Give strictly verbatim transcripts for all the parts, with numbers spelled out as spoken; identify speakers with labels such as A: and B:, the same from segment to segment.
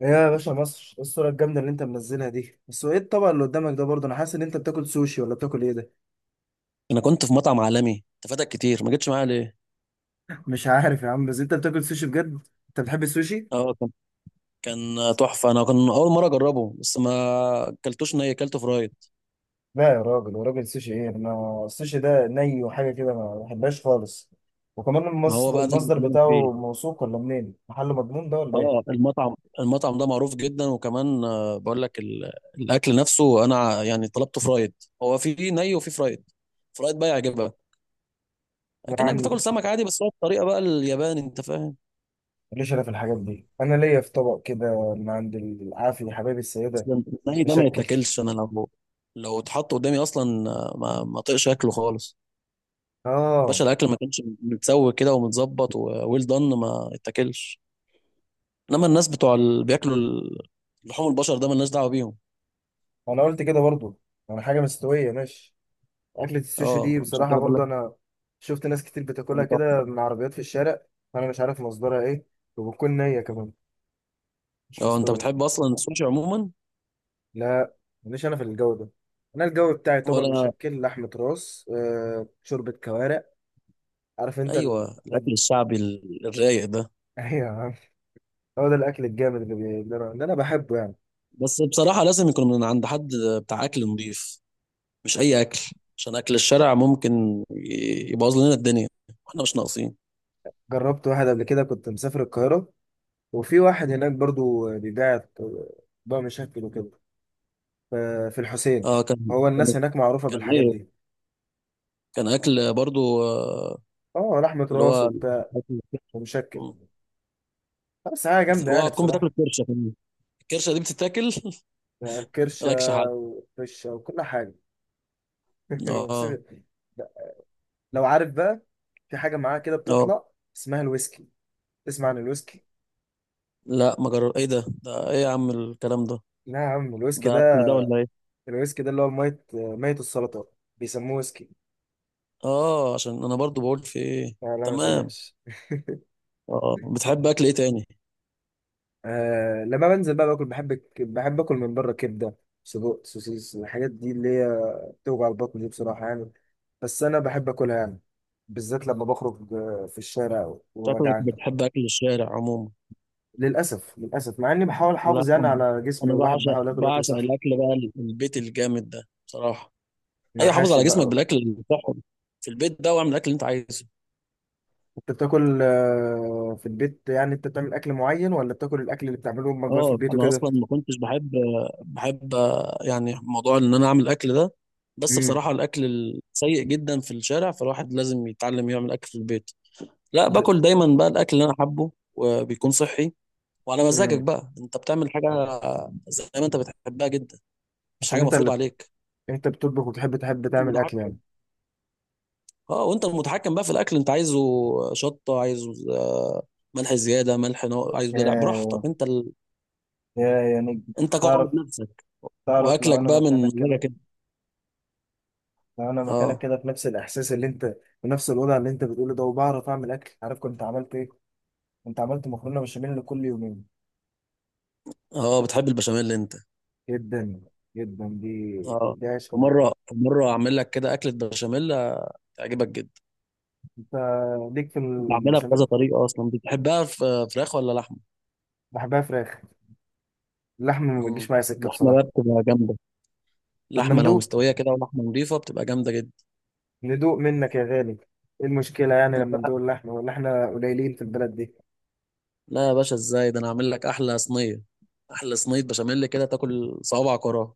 A: يا باشا مصر، إيه الصورة الجامدة اللي انت منزلها دي؟ بس هو ايه الطبق اللي قدامك ده؟ برضه انا حاسس ان انت بتاكل سوشي ولا بتاكل ايه ده؟
B: انا كنت في مطعم عالمي. انت فاتك كتير، ما جيتش معايا ليه؟
A: مش عارف يا عم، بس انت بتاكل سوشي بجد؟ انت بتحب السوشي؟
B: اه، كان كان تحفه. انا كان اول مره اجربه، بس ما اكلتوش ني، اكلته فرايد.
A: لا يا راجل، وراجل سوشي ايه؟ انا السوشي ده ني وحاجة كده، ما بحبهاش خالص. وكمان
B: ما هو
A: المصدر,
B: بقى ده اللي
A: المصدر
B: بكلمك
A: بتاعه
B: فيه.
A: موثوق ولا منين؟ محل مضمون ده ولا ايه؟
B: اه، المطعم المطعم ده معروف جدا. وكمان آه، بقول لك ال- الاكل نفسه، انا ع- يعني طلبته فرايد. هو في ني وفي فرايد. فرايد بقى يعجبك،
A: يا
B: كانك
A: عم،
B: بتاكل سمك عادي، بس هو الطريقه بقى الياباني، انت فاهم.
A: ليش انا في الحاجات دي؟ انا ليا في طبق كده من عند العافية حبايبي السيدة،
B: اصلا الني ده ما
A: مشكل.
B: يتاكلش. انا لو لو اتحط قدامي اصلا آه، ما ما طقش اكله خالص.
A: اه،
B: باشا، الاكل ما كانش متسوي كده ومتظبط وويل دان، ما اتاكلش. انما الناس بتوع اللي بياكلوا ال- لحوم البشر ده مالناش دعوه بيهم.
A: انا قلت كده برضه. انا حاجة مستوية، ماشي. أكلة السوشي
B: اه،
A: دي
B: عشان
A: بصراحة،
B: كده بقول
A: برضه
B: لك
A: أنا شفت ناس كتير بتاكلها
B: كان
A: كده
B: تحفه.
A: من عربيات في الشارع. أنا مش عارف مصدرها إيه، وبتكون نية كمان، مش
B: اه، انت
A: مستوي.
B: بتحب اصلا السوشي عموما
A: لا، ماليش أنا في الجو ده. أنا الجو بتاعي طبق
B: ولا؟
A: مشكل، لحمة راس، آه، شوربة كوارع. عارف أنت ال...
B: ايوه، الاكل الشعبي ال- الرايق ده.
A: أيوة يا عم. هو ده الأكل الجامد اللي, بي... اللي أنا اللي أنا بحبه يعني.
B: بس بصراحه لازم يكون من عند حد بتاع اكل نضيف، مش اي اكل. عشان اكل الشارع ممكن ي- يبوظ لنا الدنيا، واحنا مش ناقصين.
A: جربت واحد قبل كده، كنت مسافر القاهرة، وفي واحد هناك برضه بيبيع طبق مشكل وكده. ف- في الحسين.
B: اه، كان
A: هو
B: كان
A: الناس هناك معروفة
B: كان
A: بالحاجات
B: ايه؟
A: دي.
B: كان اكل برضو آه،
A: اه، لحمة
B: اللي
A: راس وبتاع ومشكل.
B: هو
A: بس حاجة
B: بت-
A: جامدة يعني
B: وهتكون بتاكل
A: بصراحة.
B: الكرشه كمان. الكرشه دي بتتاكل؟
A: يعني كرشة
B: مالكش حل.
A: وفشة وكل حاجة. بس
B: اه.
A: لو عارف بقى، في حاجة معاه كده
B: اه.
A: بتطلع اسمها الويسكي. تسمع عن الويسكي؟
B: لا، ما جرب ايه ده؟ ده ايه يا عم الكلام ده؟
A: لا يا عم، الويسكي
B: ده اكل
A: ده،
B: ده ولا ايه؟
A: الويسكي ده اللي هو مية مية، السلطات بيسموه ويسكي.
B: اه، عشان انا برضو بقول في ايه.
A: لا لا، ما
B: تمام.
A: تقلقش.
B: اه، بتحب اكل ايه تاني؟
A: آه، لما بنزل بقى باكل بحب الك- بحب اكل من بره كبدة، سجق، سوسيس. الحاجات دي اللي هي بتوجع البطن دي بصراحة يعني، بس انا بحب اكلها يعني، بالذات لما بخرج آه، في الشارع
B: شكلك
A: وجعان.
B: بتحب اكل الشارع عموما.
A: للاسف، للاسف، مع اني بحاول
B: لا،
A: احافظ يعني
B: انا،
A: على جسمي،
B: أنا
A: والواحد
B: بعشق
A: بحاول اكل اكل
B: بعشق
A: صحي.
B: الاكل بقى ال- البيت الجامد ده بصراحه.
A: مع
B: ايوه، حافظ
A: حاشي
B: على جسمك
A: بقى.
B: بالاكل الصحي في البيت ده، واعمل الاكل اللي انت عايزه.
A: انت بتاكل آه، في البيت يعني؟ انت بتعمل اكل معين ولا بتاكل الاكل اللي بتعمله امك بقى في
B: اه،
A: البيت
B: انا
A: وكده؟
B: اصلا ما كنتش بحب بحب يعني موضوع ان انا اعمل اكل ده. بس
A: امم.
B: بصراحه الاكل السيء جدا في الشارع، فالواحد لازم يتعلم يعمل اكل في البيت. لا،
A: انت،
B: باكل دايما بقى الاكل اللي انا حابه وبيكون صحي. وعلى مزاجك
A: امم،
B: بقى، انت بتعمل حاجه زي ما انت بتحبها جدا، مش
A: عشان
B: حاجه
A: انت
B: مفروض
A: اللي،
B: عليك.
A: انت بتطبخ وتحب، تحب
B: انت
A: تعمل اكل يعني؟
B: المتحكم. اه، وانت المتحكم بقى في الاكل انت عايزه. شطه عايزه آه، ملح زياده، ملح نوع عايزه، دلع، براحتك،
A: يا،
B: انت ال...
A: يا يا نجم،
B: انت
A: تعرف،
B: قائد نفسك،
A: تعرف لو
B: واكلك
A: انا
B: بقى من
A: مكانك كده،
B: مزاجك انت.
A: لو انا مكانك
B: اه.
A: كده، في نفس الاحساس اللي انت، في نفس الوضع اللي انت بتقوله ده، وبعرف اعمل اكل، عارف كنت عملت ايه؟ كنت عملت مكرونه بشاميل كل يومين.
B: اه، بتحب البشاميل انت.
A: جدا، جدا دي،
B: اه،
A: دي عيش، ودي
B: ومره مره اعمل لك كده اكله بشاميل آه، تعجبك جدا.
A: انت ليك في
B: بعملها بكذا
A: البشاميل.
B: طريقه اصلا. بتحبها في فراخ ولا لحمه؟
A: بحبها فراخ. اللحمة ما بتجيش
B: مم.
A: معايا سكة
B: اللحمه بقى
A: بصراحة.
B: بتبقى جامده.
A: طب ما
B: لحمه لو
A: ندوق،
B: مستويه كده ولحمه نضيفه بتبقى جامده جدا.
A: ندوق منك يا غالي. ايه المشكلة يعني
B: انا
A: لما
B: بقى،
A: ندوق اللحمة؟ ولا احنا قليلين في البلد دي؟
B: لا يا باشا، ازاي ده؟ انا هعمل لك احلى صينيه. احلى صينيه بشاميل كده تاكل صوابعك وراها.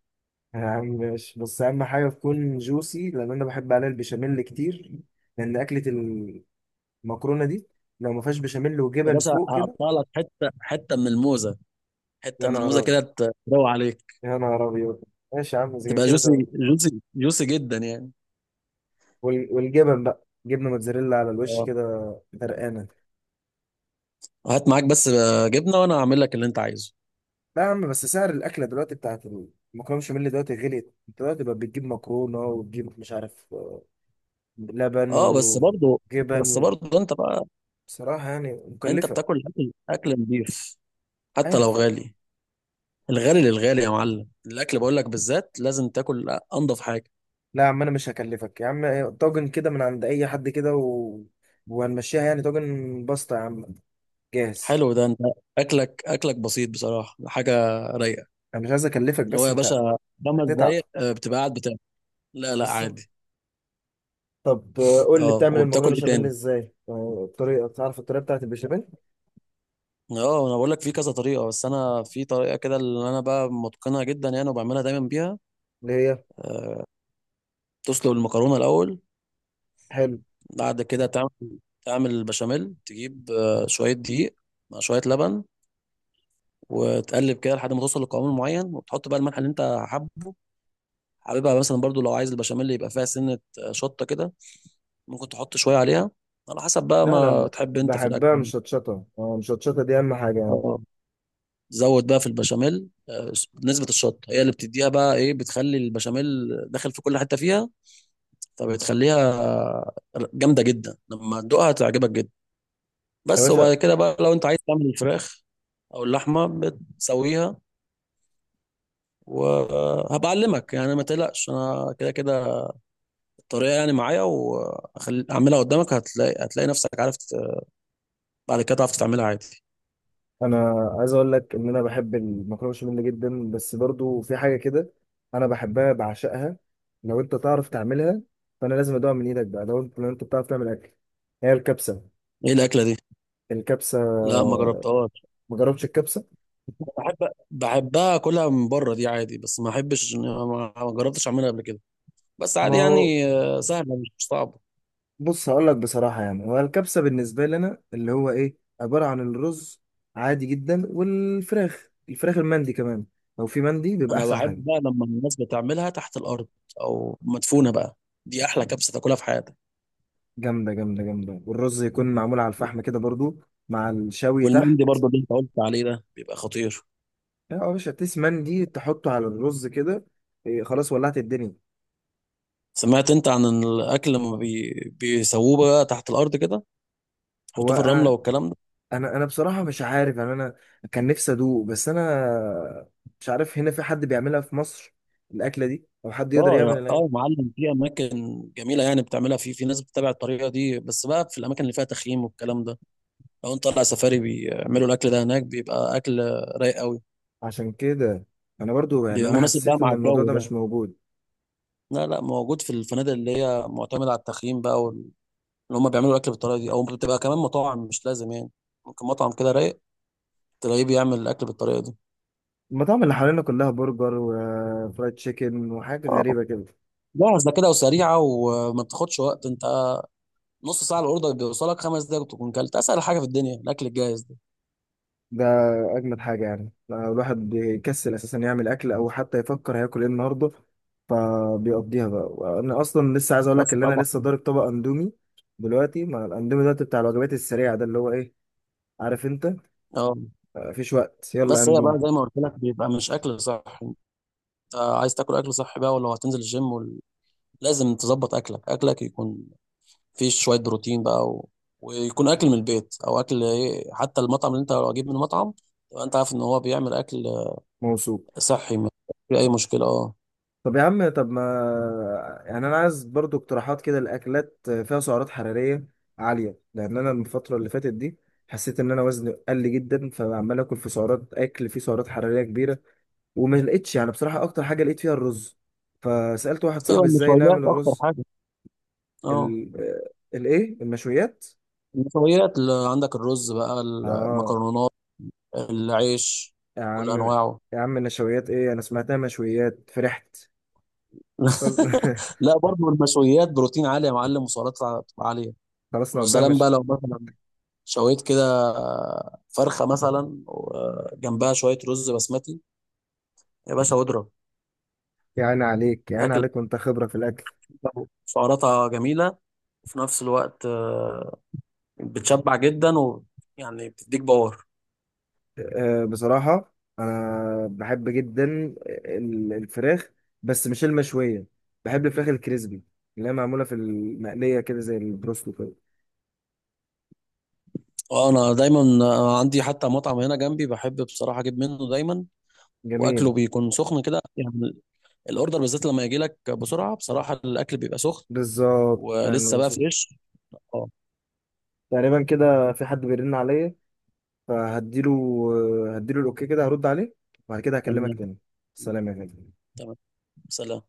A: يا عم ماشي، بس أهم حاجة تكون جوسي، لأن أنا بحب عليها البشاميل كتير، لأن أكلة المكرونة دي لو ما فيهاش بشاميل
B: يا
A: وجبن
B: باشا،
A: فوق كده.
B: هقطع لك حته حته من الموزه. حته
A: يا
B: من
A: نهار
B: الموزه كده
A: أبيض،
B: ت- تروق عليك.
A: يا نهار أبيض. ماشي يا عم، إذا كان
B: تبقى
A: كده ده-.
B: جوسي جوسي جوسي جدا يعني.
A: وال- والجبن بقى جبنة موتزاريلا على الوش كده، غرقانة.
B: هات معاك بس آه، جبنه، وانا هعمل لك اللي انت عايزه.
A: لا يا عم، بس سعر الاكله دلوقتي، بتاعت المكرونه بشاميل دلوقتي غليت. انت دلوقتي بقى بتجيب مكرونه، وتجيب مش عارف آه، لبن
B: اه، بس برضو
A: وجبن
B: بس
A: و...
B: برضو انت بقى.
A: بصراحه يعني
B: انت
A: مكلفه.
B: بتاكل اكل اكل نضيف
A: ايوه
B: حتى
A: انا
B: لو
A: فاهم.
B: غالي. الغالي للغالي يا معلم، الاكل بقول لك بالذات لازم تاكل انضف حاجه.
A: لا يا عم، انا مش هكلفك يا عم، طاجن كده من عند اي حد كده و... وهنمشيها يعني، طاجن بسطه يا عم، جاهز.
B: حلو ده. انت اكلك اكلك بسيط بصراحه، حاجه رايقه.
A: انا مش عايز اكلفك،
B: اللي هو
A: بس
B: يا
A: انت
B: باشا، خمس
A: هتتعب.
B: دقايق آه، بتبقى قاعد بتاكل. لا لا،
A: بالظبط.
B: عادي.
A: طب آه، قول لي،
B: اه،
A: بتعمل المكرونه
B: وبتاكل ايه
A: بشاميل
B: تاني؟
A: ازاي؟ آه، الطريقه، تعرف الطريقه بتاعت البشاميل؟
B: اه، انا بقول لك في كذا طريقه، بس انا في طريقه كده اللي انا بقى متقنها جدا يعني وبعملها دايما بيها.
A: اللي هي،
B: تسلق المكرونه الاول.
A: حلو.
B: بعد كده تعمل تعمل البشاميل. تجيب آه، شوية دقيق مع شوية لبن، وتقلب كده لحد ما توصل لقوام معين، وتحط بقى الملح اللي انت حابه. حاببها مثلا برضو لو عايز البشاميل يبقى فيها سنة آه، شطة كده، ممكن تحط شوية عليها على حسب بقى
A: لا انا
B: ما
A: ب-
B: تحب انت في
A: بحبها
B: الأكل.
A: مشطشطه. اه، مشطشطه دي اهم حاجه يعني.
B: اه، زود بقى في البشاميل آه، نسبة الشطة، هي اللي بتديها بقى ايه، بتخلي البشاميل داخل في كل حتة فيها، فبتخليها آه، جامدة جدا. لما تدوقها تعجبك جدا.
A: يا
B: بس وبعد
A: باشا،
B: كده بقى، لو انت عايز تعمل الفراخ او اللحمه، بتسويها. وهبقى اعلمك يعني، ما تقلقش، انا كده كده الطريقه يعني معايا، واعملها قدامك، هتلاقي هتلاقي نفسك عارف، ت- بعد كده تعرف تعملها عادي.
A: انا عايز اقول لك ان انا بحب المكرونه بشاميل جدا، بس برضو في حاجه كده انا بحبها، بعشقها. لو انت تعرف تعملها، فانا لازم ادوها من ايدك بقى، لو انت، لو انت بتعرف تعمل اكل. هي الكبسه.
B: ايه الاكله دي؟
A: الكبسه،
B: لا، ما جربتهاش.
A: ما جربتش الكبسه.
B: أنا بحب بحبها اكلها من بره دي عادي، بس ما احبش إن- ما ما جربتش اعملها قبل كده. بس
A: ما
B: عادي
A: هو،
B: يعني آه، سهله، مش مش صعبه.
A: بص هقول لك بصراحه يعني، هو الكبسه بالنسبه لي انا اللي هو ايه، عباره عن الرز عادي جدا، والفراخ، الفراخ المندي كمان. لو في مندي بيبقى
B: انا
A: احسن
B: بحب
A: حاجه.
B: بقى لما الناس بتعملها تحت الارض او مدفونه بقى. دي احلى كبسه تاكلها في حياتك.
A: جامدة جامدة جامدة، والرز يكون معمول على الفحم كده برضو، مع الشوي تحت.
B: والمندي برضو اللي انت قلت عليه ده بيبقى خطير.
A: اه يا باشا، تيس مان دي تحطه على الرز كده، إيه، خلاص ولعت الدنيا.
B: سمعت انت عن الاكل لما بي... بيسووه بقى تحت الارض كده؟
A: هو
B: يحطوه في الرمله
A: انا،
B: والكلام ده.
A: انا انا بصراحة مش عارف يعني. انا كان نفسي ادوق، بس انا مش عارف هنا في حد بيعملها في مصر، الاكلة دي، او حد يقدر
B: اه يا،
A: يعمل الأكلة
B: اه يا
A: دي.
B: معلم، في اماكن جميله يعني بتعملها، في في ناس بتتابع الطريقه دي، بس بقى في الاماكن اللي فيها تخييم والكلام ده. لو انت طالع سفاري بيعملوا الاكل ده هناك، بيبقى اكل رايق قوي.
A: عشان كده انا برضو يعني،
B: بيبقى
A: انا
B: مناسب بقى
A: حسيت ان
B: مع
A: الموضوع
B: الجو
A: ده
B: ده.
A: مش موجود.
B: لا لا، موجود في الفنادق اللي هي معتمده على التخييم بقى وال- اللي هم بيعملوا الاكل بالطريقه دي، او بتبقى كمان مطاعم مش لازم يعني. ممكن مطعم كده رايق تلاقيه بيعمل الاكل بالطريقه دي.
A: المطاعم اللي حوالينا كلها برجر وفرايد تشيكن وحاجة غريبة كده.
B: لا، ده كده وسريعه، وما بتاخدش وقت. انت نص ساعه الاوردر بيوصلك، خمس دقايق تكون كلت، اسهل حاجه في الدنيا الاكل الجاهز ده.
A: ده اجمد حاجه يعني، الواحد بيكسل اساسا يعمل اكل، او حتى يفكر هياكل ايه النهارده، فبيقضيها بقى. انا اصلا لسه عايز اقول لك
B: بس
A: ان انا
B: طبعا.
A: لسه ضارب طبق اندومي دلوقتي. ما الاندومي دلوقتي بتاع الوجبات السريعه ده، اللي هو ايه، عارف انت،
B: اه،
A: آه، مفيش وقت يلا
B: بس هي
A: اندومي.
B: بقى زي ما قلت لك بيبقى مش اكل صح. انت عايز تاكل اكل صح بقى، ولو هتنزل الجيم وال... لازم تظبط اكلك. اكلك يكون فيه شويه بروتين بقى و... ويكون اكل من البيت او اكل، ايه، حتى المطعم اللي انت لو اجيب من مطعم تبقى انت عارف ان هو بيعمل اكل
A: موصول.
B: صحي، ما في اي مشكله. اه.
A: طب يا عم، طب ما يعني انا عايز برضو اقتراحات كده لاكلات فيها سعرات حراريه عاليه، لان انا الفتره اللي فاتت دي حسيت ان انا وزني قل جدا، فعمال اكل في سعرات، اكل فيه سعرات حراريه كبيره. وما لقيتش يعني بصراحة أكتر حاجة لقيت فيها الرز، فسألت واحد
B: ايوه،
A: صاحبي إزاي
B: النشويات
A: نعمل
B: اكتر
A: الرز.
B: حاجه. اه،
A: ال آه، الإيه، المشويات.
B: النشويات اللي عندك الرز بقى،
A: آه
B: المكرونات، العيش
A: يا
B: كل
A: عم،
B: انواعه.
A: يا عم النشويات إيه؟ أنا سمعتها مشويات، فرحت. فل-
B: لا، برضو المشويات بروتين عالي يا معلم، وسعرات عاليه.
A: خلاص نقضيها،
B: وسلام
A: مش.
B: بقى لو مثلا شويت كده فرخه مثلا وجنبها شويه رز بسمتي، يا باشا، واضرب.
A: يعني عليك، يعني
B: اكل
A: عليك، وأنت خبرة في الأكل.
B: سعراتها جميله، وفي نفس الوقت بتشبع جدا، ويعني بتديك باور.
A: آه، بصراحة أنا بحب جدا ال- الفراخ، بس مش المشوية. بحب الفراخ الكريسبي اللي هي معمولة في المقلية كده، زي البروستو كده.
B: وانا دايما آه، عندي حتى مطعم هنا جنبي بحب بصراحه اجيب منه دايما.
A: جميل.
B: واكله بيكون سخن كده يعني. الاوردر بالذات لما يجي لك بسرعه بصراحه الاكل بيبقى سخن،
A: بالظبط يعني.
B: ولسه بقى فريش. اه.
A: تقريبا كده في حد بيرن عليا، فهديله، هديله الاوكي كده، هرد عليه، وبعد كده هكلمك
B: تمام.
A: تاني. سلام يا غالي.
B: تمام، سلام.